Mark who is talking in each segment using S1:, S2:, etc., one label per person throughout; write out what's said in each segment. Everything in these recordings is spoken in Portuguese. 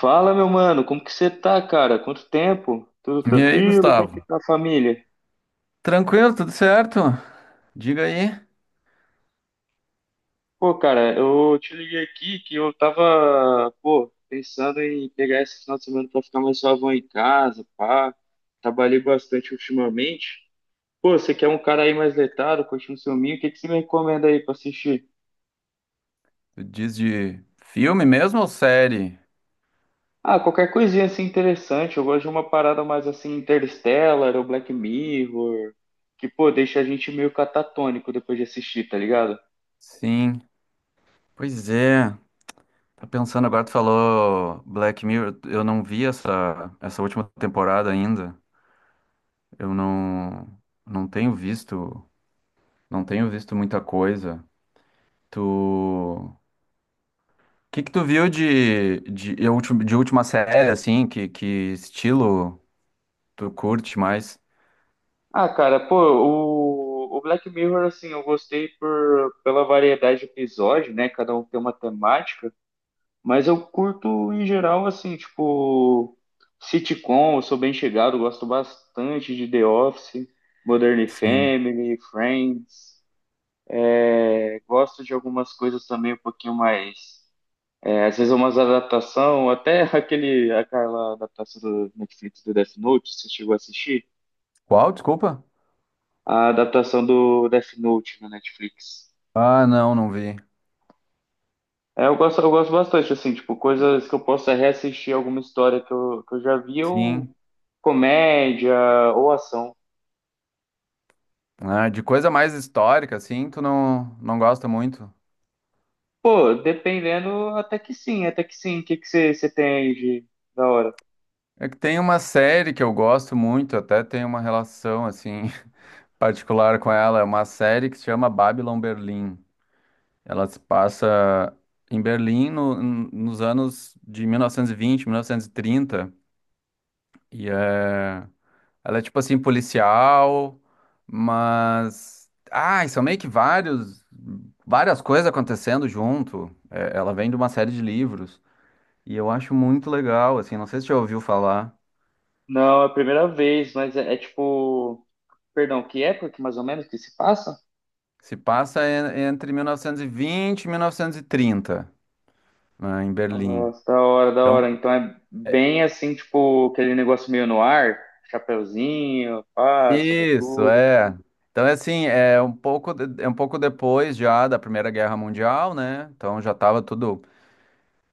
S1: Fala, meu mano, como que você tá, cara? Quanto tempo? Tudo
S2: E aí,
S1: tranquilo? Como que
S2: Gustavo?
S1: tá a família?
S2: Tranquilo, tudo certo? Diga aí.
S1: Pô, cara, eu te liguei aqui que eu tava, pô, pensando em pegar esse final de semana pra ficar mais suavão em casa, pá. Trabalhei bastante ultimamente. Pô, você quer um cara aí mais letrado, curtindo seu filminho, o que que você me recomenda aí pra assistir?
S2: Tu diz de filme mesmo ou série?
S1: Ah, qualquer coisinha assim interessante. Eu gosto de uma parada mais assim, Interstellar ou Black Mirror, que, pô, deixa a gente meio catatônico depois de assistir, tá ligado?
S2: Sim. Pois é. Tá pensando agora, tu falou Black Mirror. Eu não vi essa última temporada ainda. Eu não tenho visto, não tenho visto muita coisa. Tu, o que que tu viu de última série, assim? Que estilo tu curte mais?
S1: Ah, cara, pô, o Black Mirror, assim, eu gostei pela variedade de episódio, né? Cada um tem uma temática, mas eu curto em geral, assim, tipo, sitcom, eu sou bem chegado, gosto bastante de The Office, Modern
S2: Sim.
S1: Family, Friends, gosto de algumas coisas também um pouquinho mais. Às vezes umas adaptação, até aquela adaptação do Netflix do Death Note, você chegou a assistir?
S2: Qual? Desculpa?
S1: A adaptação do Death Note na Netflix.
S2: Ah, não, não vi.
S1: É, eu gosto bastante, assim, tipo, coisas que eu possa reassistir alguma história que eu já vi, ou
S2: Sim.
S1: comédia, ou ação.
S2: Ah, de coisa mais histórica, assim, tu não, não gosta muito.
S1: Pô, dependendo, até que sim, até que sim. O que que você tem aí de da hora?
S2: É que tem uma série que eu gosto muito, até tem uma relação, assim, particular com ela. É uma série que se chama Babylon Berlim. Ela se passa em Berlim nos anos de 1920, 1930. E vinte, mil novecentos e trinta. E... é... ela é, tipo assim, policial, mas... Ah, e são meio que vários... Várias coisas acontecendo junto. É, ela vem de uma série de livros. E eu acho muito legal, assim, não sei se você já ouviu falar.
S1: Não, é a primeira vez, mas é tipo. Perdão, que época que mais ou menos que se passa?
S2: Se passa entre 1920 e 1930, né, em Berlim.
S1: Nossa, da hora, da hora.
S2: Então,
S1: Então é bem assim, tipo, aquele negócio meio no ar, chapeuzinho, pá,
S2: isso,
S1: sobretudo.
S2: é. Então, é assim, é um pouco, é um pouco depois já da Primeira Guerra Mundial, né? Então já estava tudo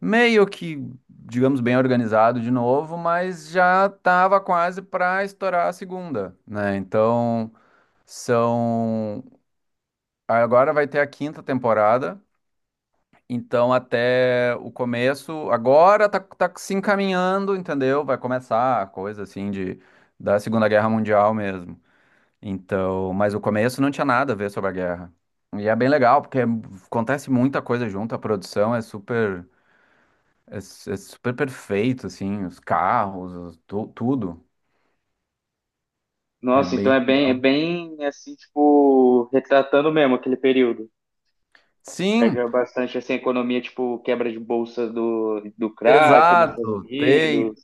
S2: meio que, digamos, bem organizado de novo, mas já estava quase para estourar a segunda, né? Então, são. Agora vai ter a quinta temporada. Então, até o começo, agora tá se encaminhando, entendeu? Vai começar a coisa assim de da Segunda Guerra Mundial mesmo. Então, mas o começo não tinha nada a ver sobre a guerra. E é bem legal, porque acontece muita coisa junto, a produção é super é, é super perfeito assim, os carros, tudo. É
S1: Nossa, então
S2: bem
S1: é bem assim, tipo, retratando mesmo aquele período.
S2: Sim,
S1: Pega bastante assim, a economia, tipo, quebra de bolsa do crack nos Estados
S2: exato. Tem
S1: Unidos.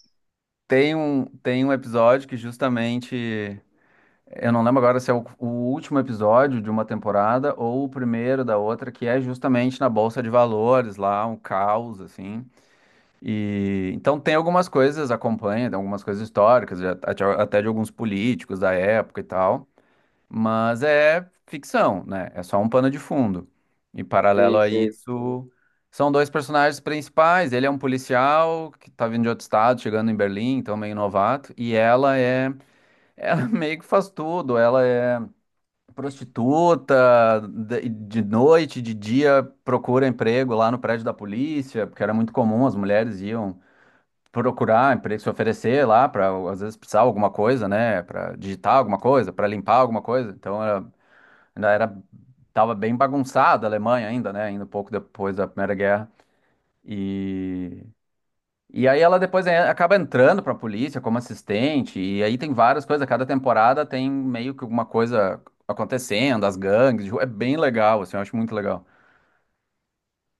S2: tem um tem um episódio que justamente eu não lembro agora se é o último episódio de uma temporada ou o primeiro da outra, que é justamente na Bolsa de Valores, lá, um caos, assim. E então tem algumas coisas, acompanha, tem algumas coisas históricas, até de alguns políticos da época e tal, mas é ficção, né? É só um pano de fundo. E paralelo
S1: Sei,
S2: a
S1: sei.
S2: isso, são dois personagens principais. Ele é um policial que tá vindo de outro estado, chegando em Berlim, então meio novato, e ela é, ela meio que faz tudo, ela é prostituta, de noite, de dia, procura emprego lá no prédio da polícia, porque era muito comum, as mulheres iam procurar emprego, se oferecer lá para às vezes precisar alguma coisa, né, para digitar alguma coisa, para limpar alguma coisa. Então era, ainda era tava bem bagunçada a Alemanha ainda, né, ainda um pouco depois da Primeira Guerra. E e aí ela depois acaba entrando pra polícia como assistente, e aí tem várias coisas, cada temporada tem meio que alguma coisa acontecendo, as gangues, de rua, é bem legal, assim, eu acho muito legal.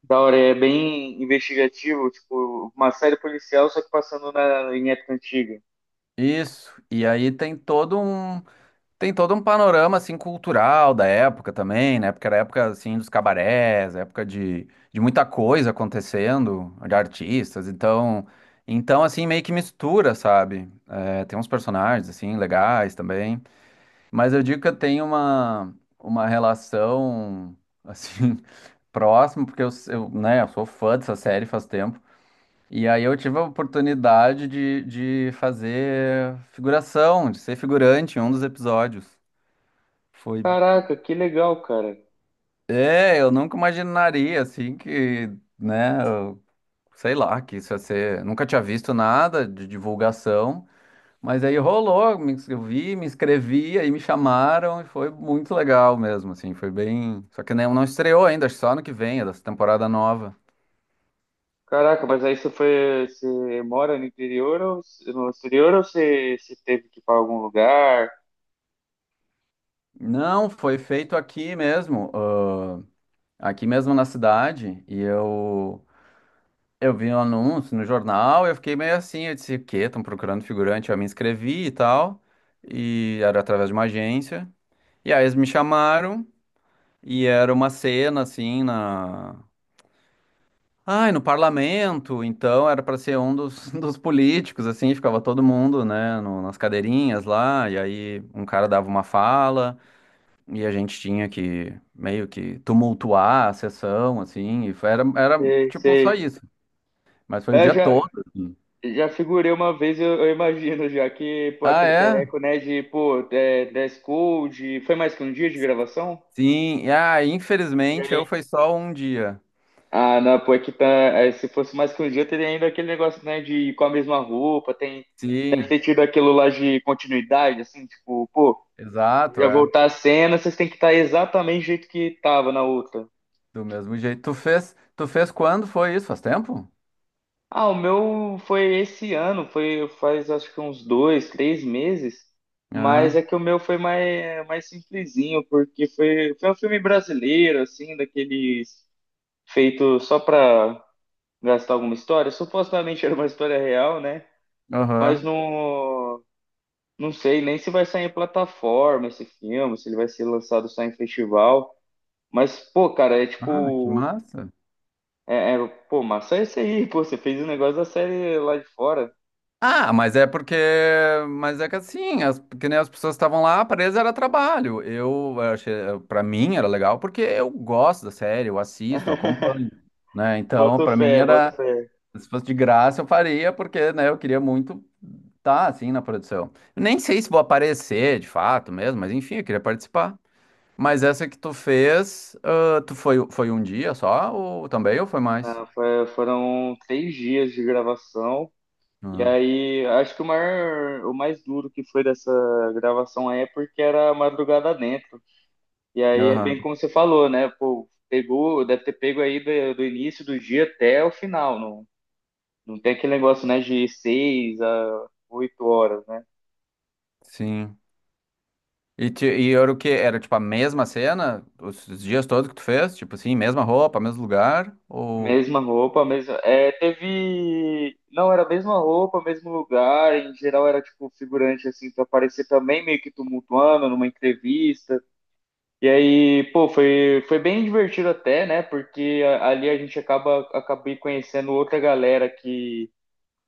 S1: Da hora, é bem investigativo, tipo, uma série policial, só que passando em época antiga.
S2: Isso, e aí tem todo um panorama assim cultural da época também, né? Porque era época assim dos cabarés, época de muita coisa acontecendo, de artistas, então assim meio que mistura, sabe? É, tem uns personagens assim legais também. Mas eu digo que eu tenho uma relação, assim, próxima, porque eu, s- eu, né, eu sou fã dessa série faz tempo. E aí eu tive a oportunidade de fazer figuração, de ser figurante em um dos episódios. Foi...
S1: Caraca, que legal, cara.
S2: É, eu nunca imaginaria, assim, que, né, sei lá, que isso ia ser... Nunca tinha visto nada de divulgação. Mas aí rolou, vi, me inscrevi, aí me chamaram e foi muito legal mesmo, assim, foi bem. Só que não estreou ainda, acho que só ano que vem, é dessa temporada nova.
S1: Caraca, mas aí você foi, você mora no interior ou no exterior ou você teve que ir para algum lugar?
S2: Não, foi feito aqui mesmo, ah, aqui mesmo na cidade, e eu vi um anúncio no jornal, eu fiquei meio assim, eu disse, o quê? Estão procurando figurante? Eu me inscrevi e tal, e era através de uma agência. E aí eles me chamaram, e era uma cena, assim, na Ai, no parlamento, então era para ser um dos, dos políticos, assim, ficava todo mundo, né, nas cadeirinhas lá, e aí um cara dava uma fala, e a gente tinha que meio que tumultuar a sessão, assim, e era
S1: Sei,
S2: tipo só
S1: sei.
S2: isso, mas foi o
S1: É,
S2: dia
S1: já.
S2: todo, assim.
S1: Já figurei uma vez, eu imagino já que, pô,
S2: Ah,
S1: aquele
S2: é?
S1: perreco, né, de, pô, dress code, foi mais que um dia de gravação?
S2: Sim, e, ah,
S1: E
S2: infelizmente eu
S1: aí?
S2: foi só um dia.
S1: Ah, não, pô, é que tá, se fosse mais que um dia, teria ainda aquele negócio, né, de ir com a mesma roupa, tem, deve
S2: Sim,
S1: ter tido aquilo lá de continuidade, assim, tipo, pô,
S2: exato,
S1: já
S2: é,
S1: voltar a cena, vocês têm que estar exatamente do jeito que tava na outra.
S2: do mesmo jeito. Tu fez quando foi isso? Faz tempo?
S1: Ah, o meu foi esse ano, foi faz acho que uns 2, 3 meses, mas
S2: Ah,
S1: é que o meu foi mais simplesinho, porque foi um filme brasileiro, assim, daqueles feito só pra gastar alguma história. Supostamente era uma história real, né? Mas
S2: aham.
S1: não sei nem se vai sair em plataforma esse filme, se ele vai ser lançado só em festival. Mas, pô, cara, é
S2: Ah, que
S1: tipo.
S2: massa.
S1: É, pô, mas sai isso aí, pô, você fez um negócio da série lá de fora.
S2: Ah, mas é porque, mas é que assim, as, que nem as pessoas estavam lá, presas era trabalho. Eu achei, para mim era legal porque eu gosto da série, eu assisto, eu acompanho, né? Então,
S1: Boto
S2: para mim
S1: fé, boto
S2: era,
S1: fé.
S2: se fosse de graça eu faria, porque, né, eu queria muito estar assim na produção. Nem sei se vou aparecer de fato mesmo, mas enfim, eu queria participar. Mas essa que tu fez, ah, foi um dia só ou também ou foi mais?
S1: Não, foram 3 dias de gravação. E
S2: Ah,
S1: aí, acho que o maior, o mais duro que foi dessa gravação aí é porque era madrugada dentro. E aí é bem
S2: aham,
S1: como você falou, né? Pô, pegou, deve ter pego aí do início do dia até o final. Não, não tem aquele negócio, né, de 6 a 8 horas.
S2: sim. E, e era o quê? Era tipo a mesma cena? Os dias todos que tu fez? Tipo assim, mesma roupa, mesmo lugar? Ou.
S1: Mesma roupa, mesma. É, teve. Não, era a mesma roupa, mesmo lugar. Em geral era tipo figurante assim pra aparecer também meio que tumultuando numa entrevista. E aí, pô, foi bem divertido até, né? Porque ali a gente acaba acabei conhecendo outra galera que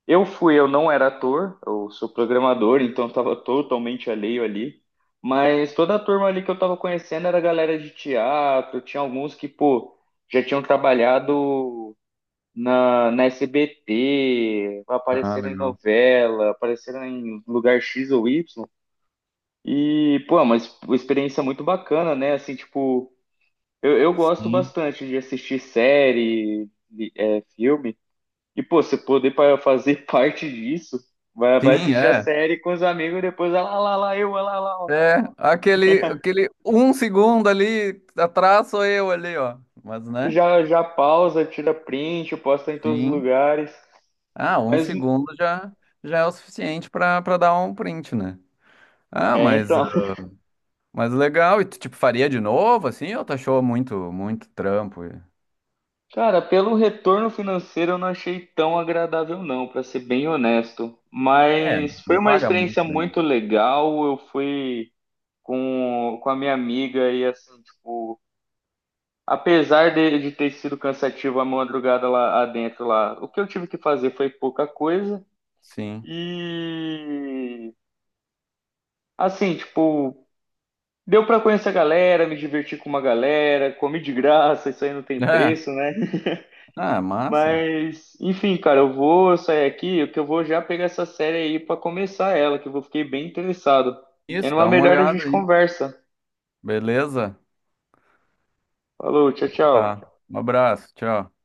S1: eu fui, eu não era ator, eu sou programador, então eu tava totalmente alheio ali. Mas toda a turma ali que eu tava conhecendo era galera de teatro, tinha alguns que, pô, já tinham trabalhado na SBT,
S2: Ah,
S1: apareceram em
S2: legal.
S1: novela, apareceram em lugar X ou Y. E, pô, é uma uma experiência muito bacana, né? Assim, tipo, eu gosto
S2: Sim.
S1: bastante de assistir série, filme. E, pô, você poder fazer parte disso, vai
S2: Sim,
S1: assistir a
S2: é.
S1: série com os amigos e depois, ah lá, lá, lá, ah lá, lá. Ó.
S2: É, aquele um segundo ali atrás sou eu ali, ó. Mas, né?
S1: Já, já pausa, tira print, posta em todos os
S2: Sim.
S1: lugares.
S2: Ah, um
S1: Mas,
S2: segundo já, já é o suficiente pra dar um print, né? Ah,
S1: então.
S2: mas legal. E tu, tipo, faria de novo, assim? Ou tu achou muito trampo? E-
S1: Cara, pelo retorno financeiro eu não achei tão agradável não, para ser bem honesto.
S2: É,
S1: Mas foi
S2: não
S1: uma
S2: paga muito
S1: experiência
S2: bem.
S1: muito legal. Eu fui com a minha amiga e assim, tipo, apesar de ter sido cansativo a madrugada lá dentro lá, o que eu tive que fazer foi pouca coisa.
S2: Sim.
S1: E assim, tipo, deu para conhecer a galera, me divertir com uma galera, comi de graça, isso aí não tem
S2: É.
S1: preço, né?
S2: Ah, massa.
S1: Mas, enfim, cara, eu vou sair aqui, que eu vou já pegar essa série aí pra começar ela, que eu fiquei bem interessado. E é
S2: Isso,
S1: numa
S2: dá uma
S1: melhor a
S2: olhada
S1: gente
S2: aí.
S1: conversa.
S2: Beleza?
S1: Falou, tchau,
S2: Tá.
S1: tchau.
S2: Um abraço, tchau.